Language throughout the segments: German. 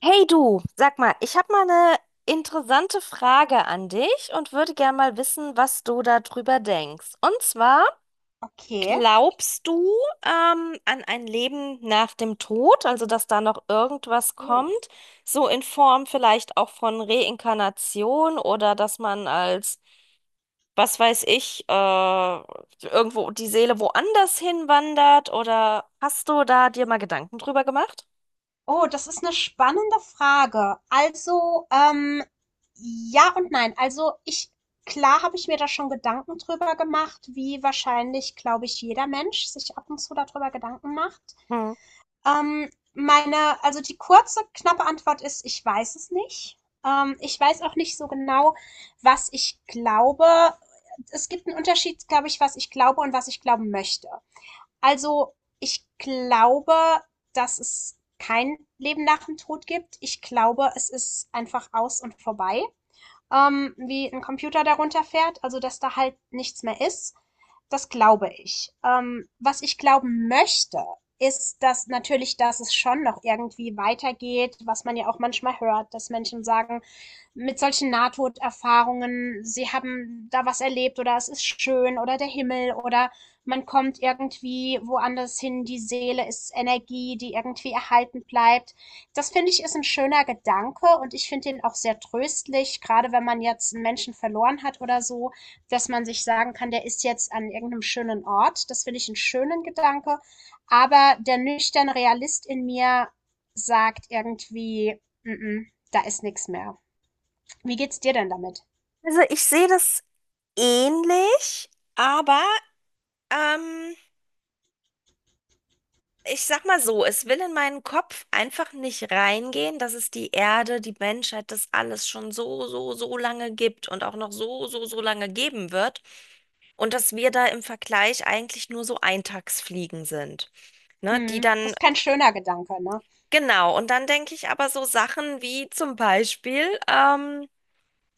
Hey du, sag mal, ich habe mal eine interessante Frage an dich und würde gerne mal wissen, was du darüber denkst. Und zwar, Okay. glaubst du an ein Leben nach dem Tod, also dass da noch irgendwas kommt, Oh, so in Form vielleicht auch von Reinkarnation oder dass man als, was weiß ich, irgendwo die Seele woanders hinwandert oder hast du da dir mal Gedanken drüber gemacht? Oh, das ist eine spannende Frage. Also, ja und nein. Also klar habe ich mir da schon Gedanken drüber gemacht, wie wahrscheinlich, glaube ich, jeder Mensch sich ab und zu darüber Gedanken macht. Hm. Also die kurze, knappe Antwort ist: ich weiß es nicht. Ich weiß auch nicht so genau, was ich glaube. Es gibt einen Unterschied, glaube ich, was ich glaube und was ich glauben möchte. Also, ich glaube, dass es kein Leben nach dem Tod gibt. Ich glaube, es ist einfach aus und vorbei, wie ein Computer darunter fährt, also dass da halt nichts mehr ist. Das glaube ich. Was ich glauben möchte, ist, dass natürlich, dass es schon noch irgendwie weitergeht, was man ja auch manchmal hört, dass Menschen sagen, mit solchen Nahtoderfahrungen, sie haben da was erlebt oder es ist schön oder der Himmel oder man kommt irgendwie woanders hin, die Seele ist Energie, die irgendwie erhalten bleibt. Das finde ich, ist ein schöner Gedanke, und ich finde ihn auch sehr tröstlich, gerade wenn man jetzt einen Menschen verloren hat oder so, dass man sich sagen kann, der ist jetzt an irgendeinem schönen Ort. Das finde ich einen schönen Gedanke. Aber der nüchterne Realist in mir sagt irgendwie, mm -mm, da ist nichts mehr. Wie geht's dir denn damit? Also ich sehe das ähnlich, aber ähm, ich sag mal so, es will in meinen Kopf einfach nicht reingehen, dass es die Erde, die Menschheit, das alles schon so, so, so lange gibt und auch noch so, so, so lange geben wird. Und dass wir da im Vergleich eigentlich nur so Eintagsfliegen sind. Ne, die Mhm. Das dann, ist kein schöner Gedanke, ne? genau, und dann denke ich aber so Sachen wie zum Beispiel, ähm,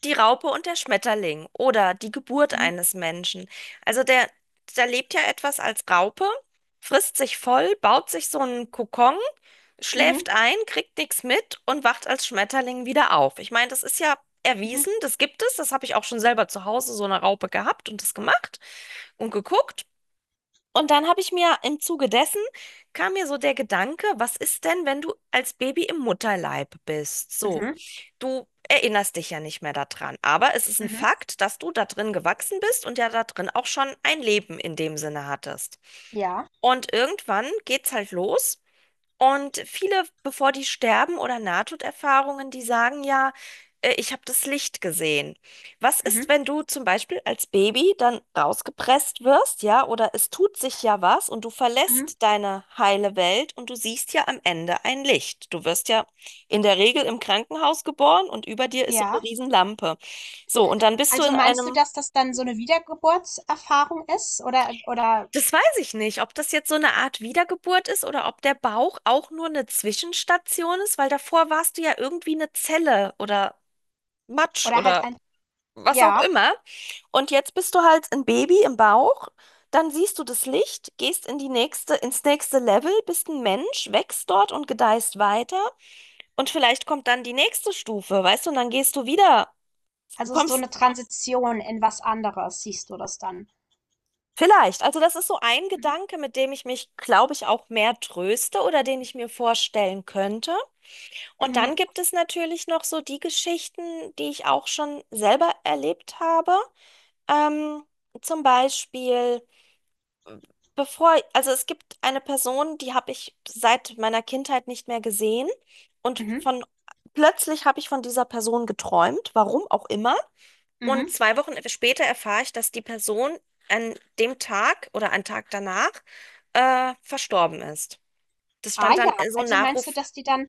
Die Raupe und der Schmetterling oder die Geburt Mhm. eines Menschen. Also der, der lebt ja etwas als Raupe, frisst sich voll, baut sich so einen Kokon, Mhm. schläft ein, kriegt nichts mit und wacht als Schmetterling wieder auf. Ich meine, das ist ja Mhm. erwiesen, das gibt es, das habe ich auch schon selber zu Hause so eine Raupe gehabt und das gemacht und geguckt. Und dann habe ich mir im Zuge dessen kam mir so der Gedanke, was ist denn, wenn du als Baby im Mutterleib bist? So, Mhm. du erinnerst dich ja nicht mehr daran, aber es ist ein Mhm. Fakt, dass du da drin gewachsen bist und ja da drin auch schon ein Leben in dem Sinne hattest. Ja. Und irgendwann geht's halt los. Und viele, bevor die sterben oder Nahtoderfahrungen, die sagen ja, ich habe das Licht gesehen. Was Mhm. ist, wenn du zum Beispiel als Baby dann rausgepresst wirst, ja, oder es tut sich ja was und du Mhm. verlässt deine heile Welt und du siehst ja am Ende ein Licht. Du wirst ja in der Regel im Krankenhaus geboren und über dir ist so eine Ja. Riesenlampe. So, und dann bist du Also in meinst du, einem. dass das dann so eine Wiedergeburtserfahrung ist? Oder, oder, Das weiß ich nicht, ob das jetzt so eine Art Wiedergeburt ist oder ob der Bauch auch nur eine Zwischenstation ist, weil davor warst du ja irgendwie eine Zelle oder Matsch oder halt oder was auch ja, immer. Und jetzt bist du halt ein Baby im Bauch, dann siehst du das Licht, gehst in die nächste, ins nächste Level, bist ein Mensch, wächst dort und gedeihst weiter. Und vielleicht kommt dann die nächste Stufe, weißt du, und dann gehst du wieder, also so kommst. eine Transition in was anderes, siehst du das dann? Vielleicht. Also das ist so ein Mhm. Gedanke, mit dem ich mich, glaube ich, auch mehr tröste oder den ich mir vorstellen könnte. Und Mhm. dann gibt es natürlich noch so die Geschichten, die ich auch schon selber erlebt habe. Ähm, zum Beispiel, bevor, also es gibt eine Person, die habe ich seit meiner Kindheit nicht mehr gesehen. Und Mhm. von plötzlich habe ich von dieser Person geträumt, warum auch immer. Und Mhm. 2 Wochen später erfahre ich, dass die Person an dem Tag oder einen Tag danach verstorben ist. Das Ah stand dann ja, so ein also meinst du, Nachruf. dass die dann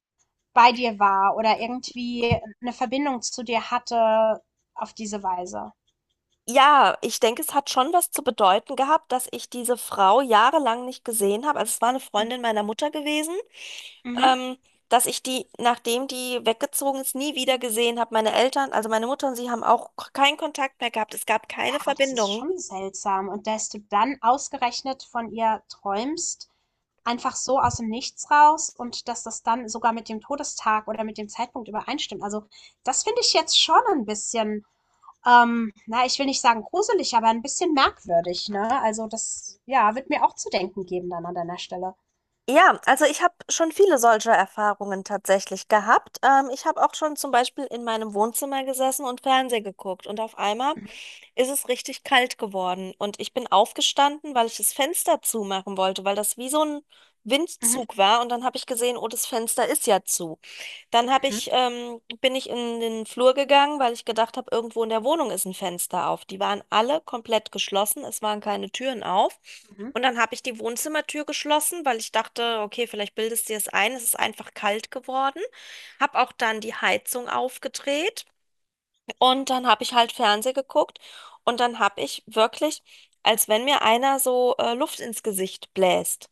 bei dir war oder irgendwie eine Verbindung zu dir hatte auf diese Weise? Ja, ich denke, es hat schon was zu bedeuten gehabt, dass ich diese Frau jahrelang nicht gesehen habe. Also es war eine Mhm. Freundin meiner Mutter gewesen, Mhm. ähm, dass ich die, nachdem die weggezogen ist, nie wieder gesehen habe. Meine Eltern, also meine Mutter und sie haben auch keinen Kontakt mehr gehabt. Es gab keine Ja, das ist Verbindung. schon seltsam. Und dass du dann ausgerechnet von ihr träumst, einfach so aus dem Nichts raus, und dass das dann sogar mit dem Todestag oder mit dem Zeitpunkt übereinstimmt. Also, das finde ich jetzt schon ein bisschen, na, ich will nicht sagen gruselig, aber ein bisschen merkwürdig, ne? Also, das, ja, wird mir auch zu denken geben dann an deiner Stelle. Ja, also ich habe schon viele solcher Erfahrungen tatsächlich gehabt. Ich habe auch schon zum Beispiel in meinem Wohnzimmer gesessen und Fernsehen geguckt und auf einmal Mhm, ist es richtig kalt geworden. Und ich bin aufgestanden, weil ich das Fenster zumachen wollte, weil das wie so ein mhm, Windzug war. Und dann habe ich gesehen, oh, das Fenster ist ja zu. Dann habe mhm, ich, bin ich in den Flur gegangen, weil ich gedacht habe, irgendwo in der Wohnung ist ein Fenster auf. Die waren alle komplett geschlossen, es waren keine Türen auf. mhm. Und dann habe ich die Wohnzimmertür geschlossen, weil ich dachte, okay, vielleicht bildest du dir es ein, es ist einfach kalt geworden. Habe auch dann die Heizung aufgedreht. Und dann habe ich halt Fernseh geguckt und dann habe ich wirklich, als wenn mir einer so Luft ins Gesicht bläst.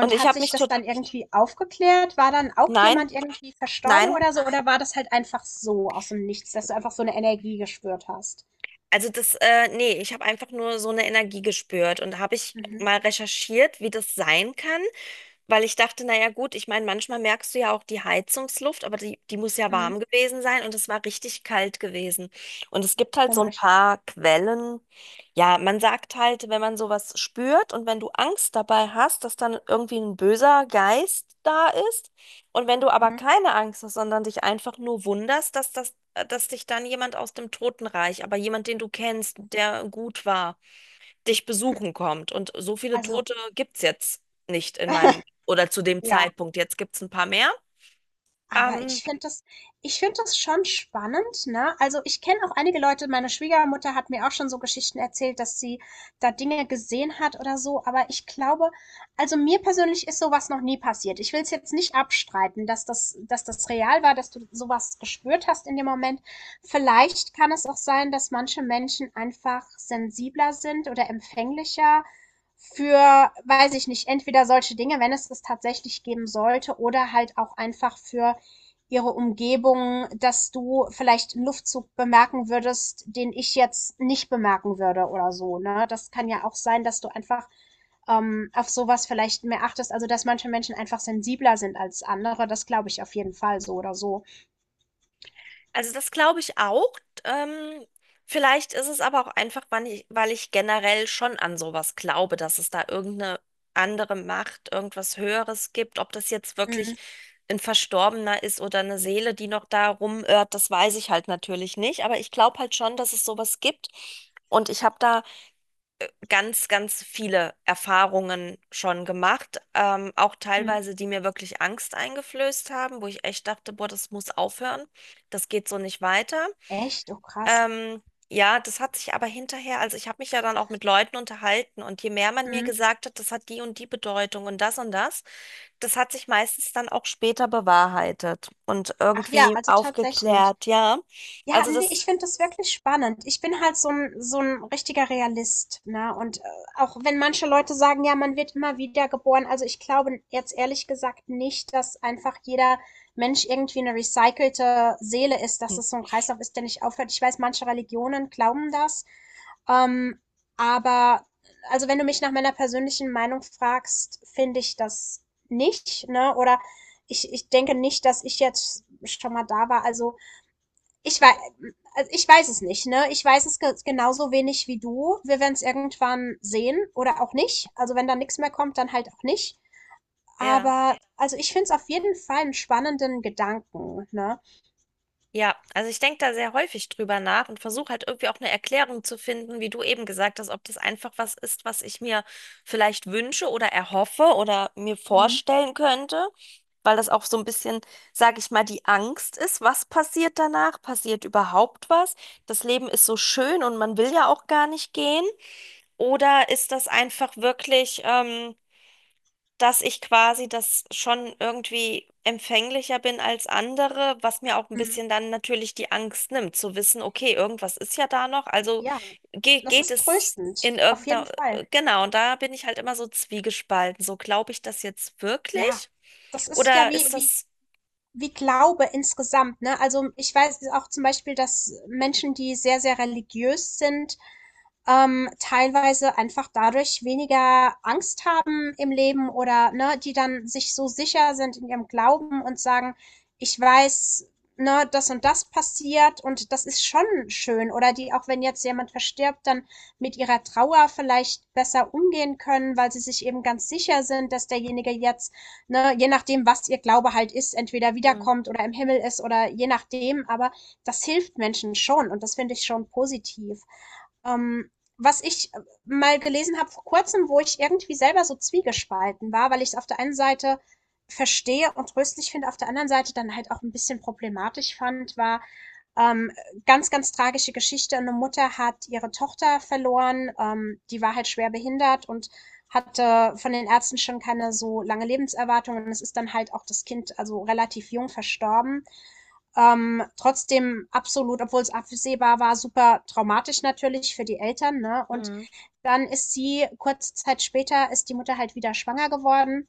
Und ich hat habe sich mich das tot, dann irgendwie aufgeklärt? War dann auch nein, jemand irgendwie verstorben nein, oder so? Oder war das halt einfach so aus dem Nichts, dass du einfach so eine Energie gespürt hast? also das, nee, ich habe einfach nur so eine Energie gespürt und habe ich Mhm, mal recherchiert, wie das sein kann. Weil ich dachte, naja gut, ich meine, manchmal merkst du ja auch die Heizungsluft, aber die, die muss ja mhm, warm gewesen sein und es war richtig kalt gewesen. Und es gibt halt so ein komisch. paar Quellen. Ja, man sagt halt, wenn man sowas spürt und wenn du Angst dabei hast, dass dann irgendwie ein böser Geist da ist. Und wenn du aber keine Angst hast, sondern dich einfach nur wunderst, dass das, dass dich dann jemand aus dem Totenreich, aber jemand, den du kennst, der gut war, dich besuchen kommt. Und so viele Also, Tote gibt es jetzt nicht in meinem oder zu dem ja. Zeitpunkt. Jetzt gibt es ein paar mehr. Aber Ähm, ich finde das schon spannend, ne? Also, ich kenne auch einige Leute, meine Schwiegermutter hat mir auch schon so Geschichten erzählt, dass sie da Dinge gesehen hat oder so. Aber ich glaube, also, mir persönlich ist so was noch nie passiert. Ich will es jetzt nicht abstreiten, dass dass das real war, dass du sowas gespürt hast in dem Moment. Vielleicht kann es auch sein, dass manche Menschen einfach sensibler sind oder empfänglicher für, weiß ich nicht, entweder solche Dinge, wenn es das tatsächlich geben sollte, oder halt auch einfach für ihre Umgebung, dass du vielleicht einen Luftzug bemerken würdest, den ich jetzt nicht bemerken würde oder so. Ne? Das kann ja auch sein, dass du einfach auf sowas vielleicht mehr achtest. Also, dass manche Menschen einfach sensibler sind als andere, das glaube ich auf jeden Fall so oder so. also das glaube ich auch. Ähm, vielleicht ist es aber auch einfach, weil ich generell schon an sowas glaube, dass es da irgendeine andere Macht, irgendwas Höheres gibt. Ob das jetzt wirklich Mhm. ein Verstorbener ist oder eine Seele, die noch da rumirrt, das weiß ich halt natürlich nicht. Aber ich glaube halt schon, dass es sowas gibt. Und ich habe da ganz, ganz viele Erfahrungen schon gemacht, auch Mhm. teilweise, die mir wirklich Angst eingeflößt haben, wo ich echt dachte, boah, das muss aufhören, das geht so nicht weiter. Echt? Oh, krass. Ähm, ja, das hat sich aber hinterher, also ich habe mich ja dann auch mit Leuten unterhalten und je mehr man mir Mhm. gesagt hat, das hat die und die Bedeutung und das, das hat sich meistens dann auch später bewahrheitet und Ach ja, irgendwie also tatsächlich. aufgeklärt, ja. Ja, Also ne, das. ich finde das wirklich spannend. Ich bin halt so ein richtiger Realist, ne? Und, auch wenn manche Leute sagen: „Ja, man wird immer wieder geboren", also, ich glaube jetzt ehrlich gesagt nicht, dass einfach jeder Mensch irgendwie eine recycelte Seele ist, Hm. dass es so ein Kreislauf ist, der nicht aufhört. Ich weiß, manche Religionen glauben das, ähm, aber, also, wenn du mich nach meiner persönlichen Meinung fragst, finde ich das nicht, ne? Oder ich denke nicht, dass ich jetzt schon mal da war. Ich weiß, also ich weiß es nicht, ne? Ich weiß es ge genauso wenig wie du. Wir werden es irgendwann sehen oder auch nicht. Also wenn da nichts mehr kommt, dann halt auch nicht. Ja, Aber also ich finde es auf jeden Fall einen spannenden Gedanken, ne? ja. Also ich denke da sehr häufig drüber nach und versuche halt irgendwie auch eine Erklärung zu finden, wie du eben gesagt hast, ob das einfach was ist, was ich mir vielleicht wünsche oder erhoffe oder mir Mhm, vorstellen könnte, weil das auch so ein bisschen, sage ich mal, die Angst ist, was passiert danach? Passiert überhaupt was? Das Leben ist so schön und man will ja auch gar nicht gehen. Oder ist das einfach wirklich, dass ich quasi das schon irgendwie empfänglicher bin als andere, was mir auch ein mhm. bisschen dann natürlich die Angst nimmt, zu wissen, okay, irgendwas ist ja da noch, also Ja, ge das geht ist es tröstend, in auf jeden irgendeiner, Fall. genau, und da bin ich halt immer so zwiegespalten, so glaube ich das jetzt Ja, wirklich das ist ja oder wie ist wie das, wie Glaube insgesamt, ne? Also, ich weiß auch zum Beispiel, dass Menschen, die sehr, sehr religiös sind, teilweise einfach dadurch weniger Angst haben im Leben, oder ne, die dann sich so sicher sind in ihrem Glauben und sagen, ich weiß, ne, das und das passiert und das ist schon schön. Oder die, auch wenn jetzt jemand verstirbt, dann mit ihrer Trauer vielleicht besser umgehen können, weil sie sich eben ganz sicher sind, dass derjenige jetzt, ne, je nachdem, was ihr Glaube halt ist, entweder hm, wiederkommt oder im Himmel ist oder je nachdem, aber das hilft Menschen schon, und das finde ich schon positiv. Ähm, was ich mal gelesen habe vor Kurzem, wo ich irgendwie selber so zwiegespalten war, weil ich es auf der einen Seite verstehe und tröstlich finde, auf der anderen Seite dann halt auch ein bisschen problematisch fand, war ähm, ganz, ganz tragische Geschichte. Eine Mutter hat ihre Tochter verloren, die war halt schwer behindert und hatte von den Ärzten schon keine so lange Lebenserwartung, und es ist dann halt auch das Kind also relativ jung verstorben. Trotzdem absolut, obwohl es absehbar war, super traumatisch natürlich für die Eltern, ne? Und Hm. dann ist sie, kurze Zeit später, ist die Mutter halt wieder schwanger geworden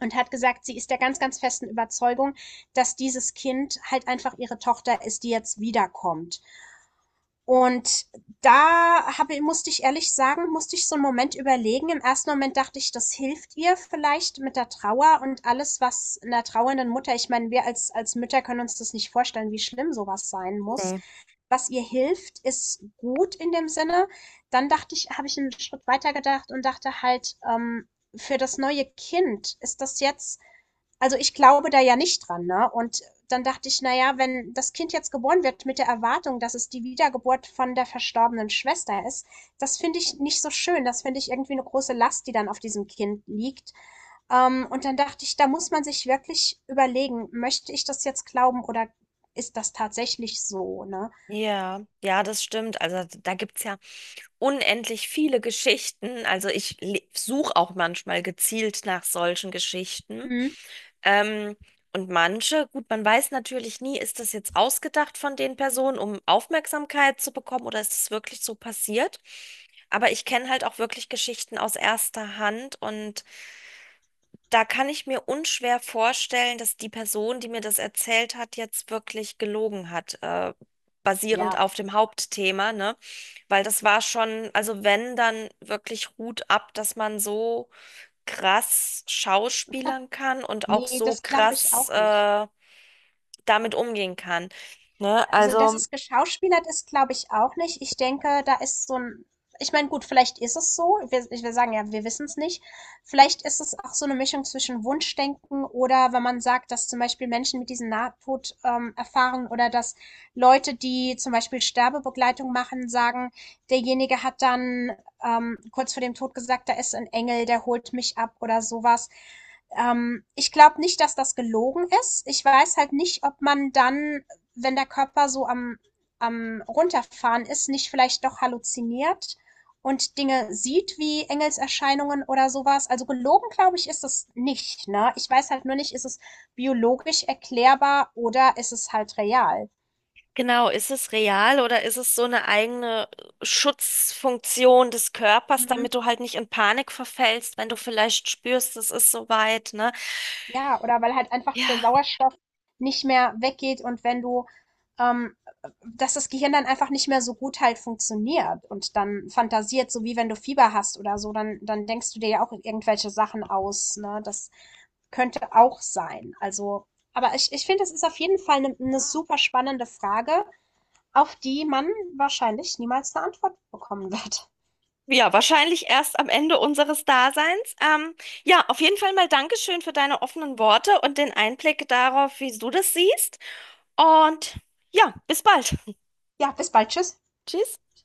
und hat gesagt, sie ist der ganz, ganz festen Überzeugung, dass dieses Kind halt einfach ihre Tochter ist, die jetzt wiederkommt. Und da musste ich ehrlich sagen, musste ich so einen Moment überlegen. Im ersten Moment dachte ich, das hilft ihr vielleicht mit der Trauer und alles, was einer trauernden Mutter, ich meine, wir als Mütter können uns das nicht vorstellen, wie schlimm sowas sein muss. Nee. Was ihr hilft, ist gut in dem Sinne. Dann dachte ich, habe ich einen Schritt weiter gedacht und dachte halt, für das neue Kind ist das jetzt, also ich glaube da ja nicht dran, ne? Und dann dachte ich, naja, wenn das Kind jetzt geboren wird mit der Erwartung, dass es die Wiedergeburt von der verstorbenen Schwester ist, das finde ich nicht so schön. Das finde ich irgendwie eine große Last, die dann auf diesem Kind liegt. Und dann dachte ich, da muss man sich wirklich überlegen: möchte ich das jetzt glauben, oder ist das tatsächlich so, ne? Ja, ja, das stimmt, also da gibt es ja unendlich viele Geschichten, also ich suche auch manchmal gezielt nach solchen Geschichten. Mhm. Ähm, und manche, gut, man weiß natürlich nie, ist das jetzt ausgedacht von den Personen, um Aufmerksamkeit zu bekommen oder ist es wirklich so passiert? Aber ich kenne halt auch wirklich Geschichten aus erster Hand und da kann ich mir unschwer vorstellen, dass die Person, die mir das erzählt hat, jetzt wirklich gelogen hat, basierend Ja, auf dem Hauptthema, ne? Weil das war schon, also wenn, dann wirklich Hut ab, dass man so krass schauspielern kann und auch nee, so das glaube ich krass auch nicht. Damit umgehen kann. Ne? Also, dass Also es geschauspielert ist, glaube ich auch nicht. Ich denke, da ist ich meine, gut, vielleicht ist es so. Wir ich will sagen, ja, wir wissen es nicht. Vielleicht ist es auch so eine Mischung zwischen Wunschdenken, oder wenn man sagt, dass zum Beispiel Menschen mit diesen Nahtod Erfahrungen, oder dass Leute, die zum Beispiel Sterbebegleitung machen, sagen, derjenige hat dann, kurz vor dem Tod, gesagt: „Da ist ein Engel, der holt mich ab" oder sowas. Ich glaube nicht, dass das gelogen ist. Ich weiß halt nicht, ob man dann, wenn der Körper so am Runterfahren ist, nicht vielleicht doch halluziniert und Dinge sieht wie Engelserscheinungen oder sowas. Also gelogen, glaube ich, ist es nicht. Ne? Ich weiß halt nur nicht, ist es biologisch erklärbar oder ist es halt real. genau, ist es real oder ist es so eine eigene Schutzfunktion des Körpers, Mhm. damit du halt nicht in Panik verfällst, wenn du vielleicht spürst, es ist soweit, ne? Ja, oder weil halt einfach der Ja. Sauerstoff nicht mehr weggeht und wenn du, ähm, dass das Gehirn dann einfach nicht mehr so gut halt funktioniert und dann fantasiert, so wie wenn du Fieber hast oder so, dann denkst du dir ja auch irgendwelche Sachen aus, ne? Das könnte auch sein. Also, aber ich finde, es ist auf jeden Fall eine super spannende Frage, auf die man wahrscheinlich niemals eine Antwort bekommen wird. Ja, wahrscheinlich erst am Ende unseres Daseins. Ja, auf jeden Fall mal Dankeschön für deine offenen Worte und den Einblick darauf, wie du das siehst. Und ja, bis bald. Ja, bis bald, tschüss. Tschüss.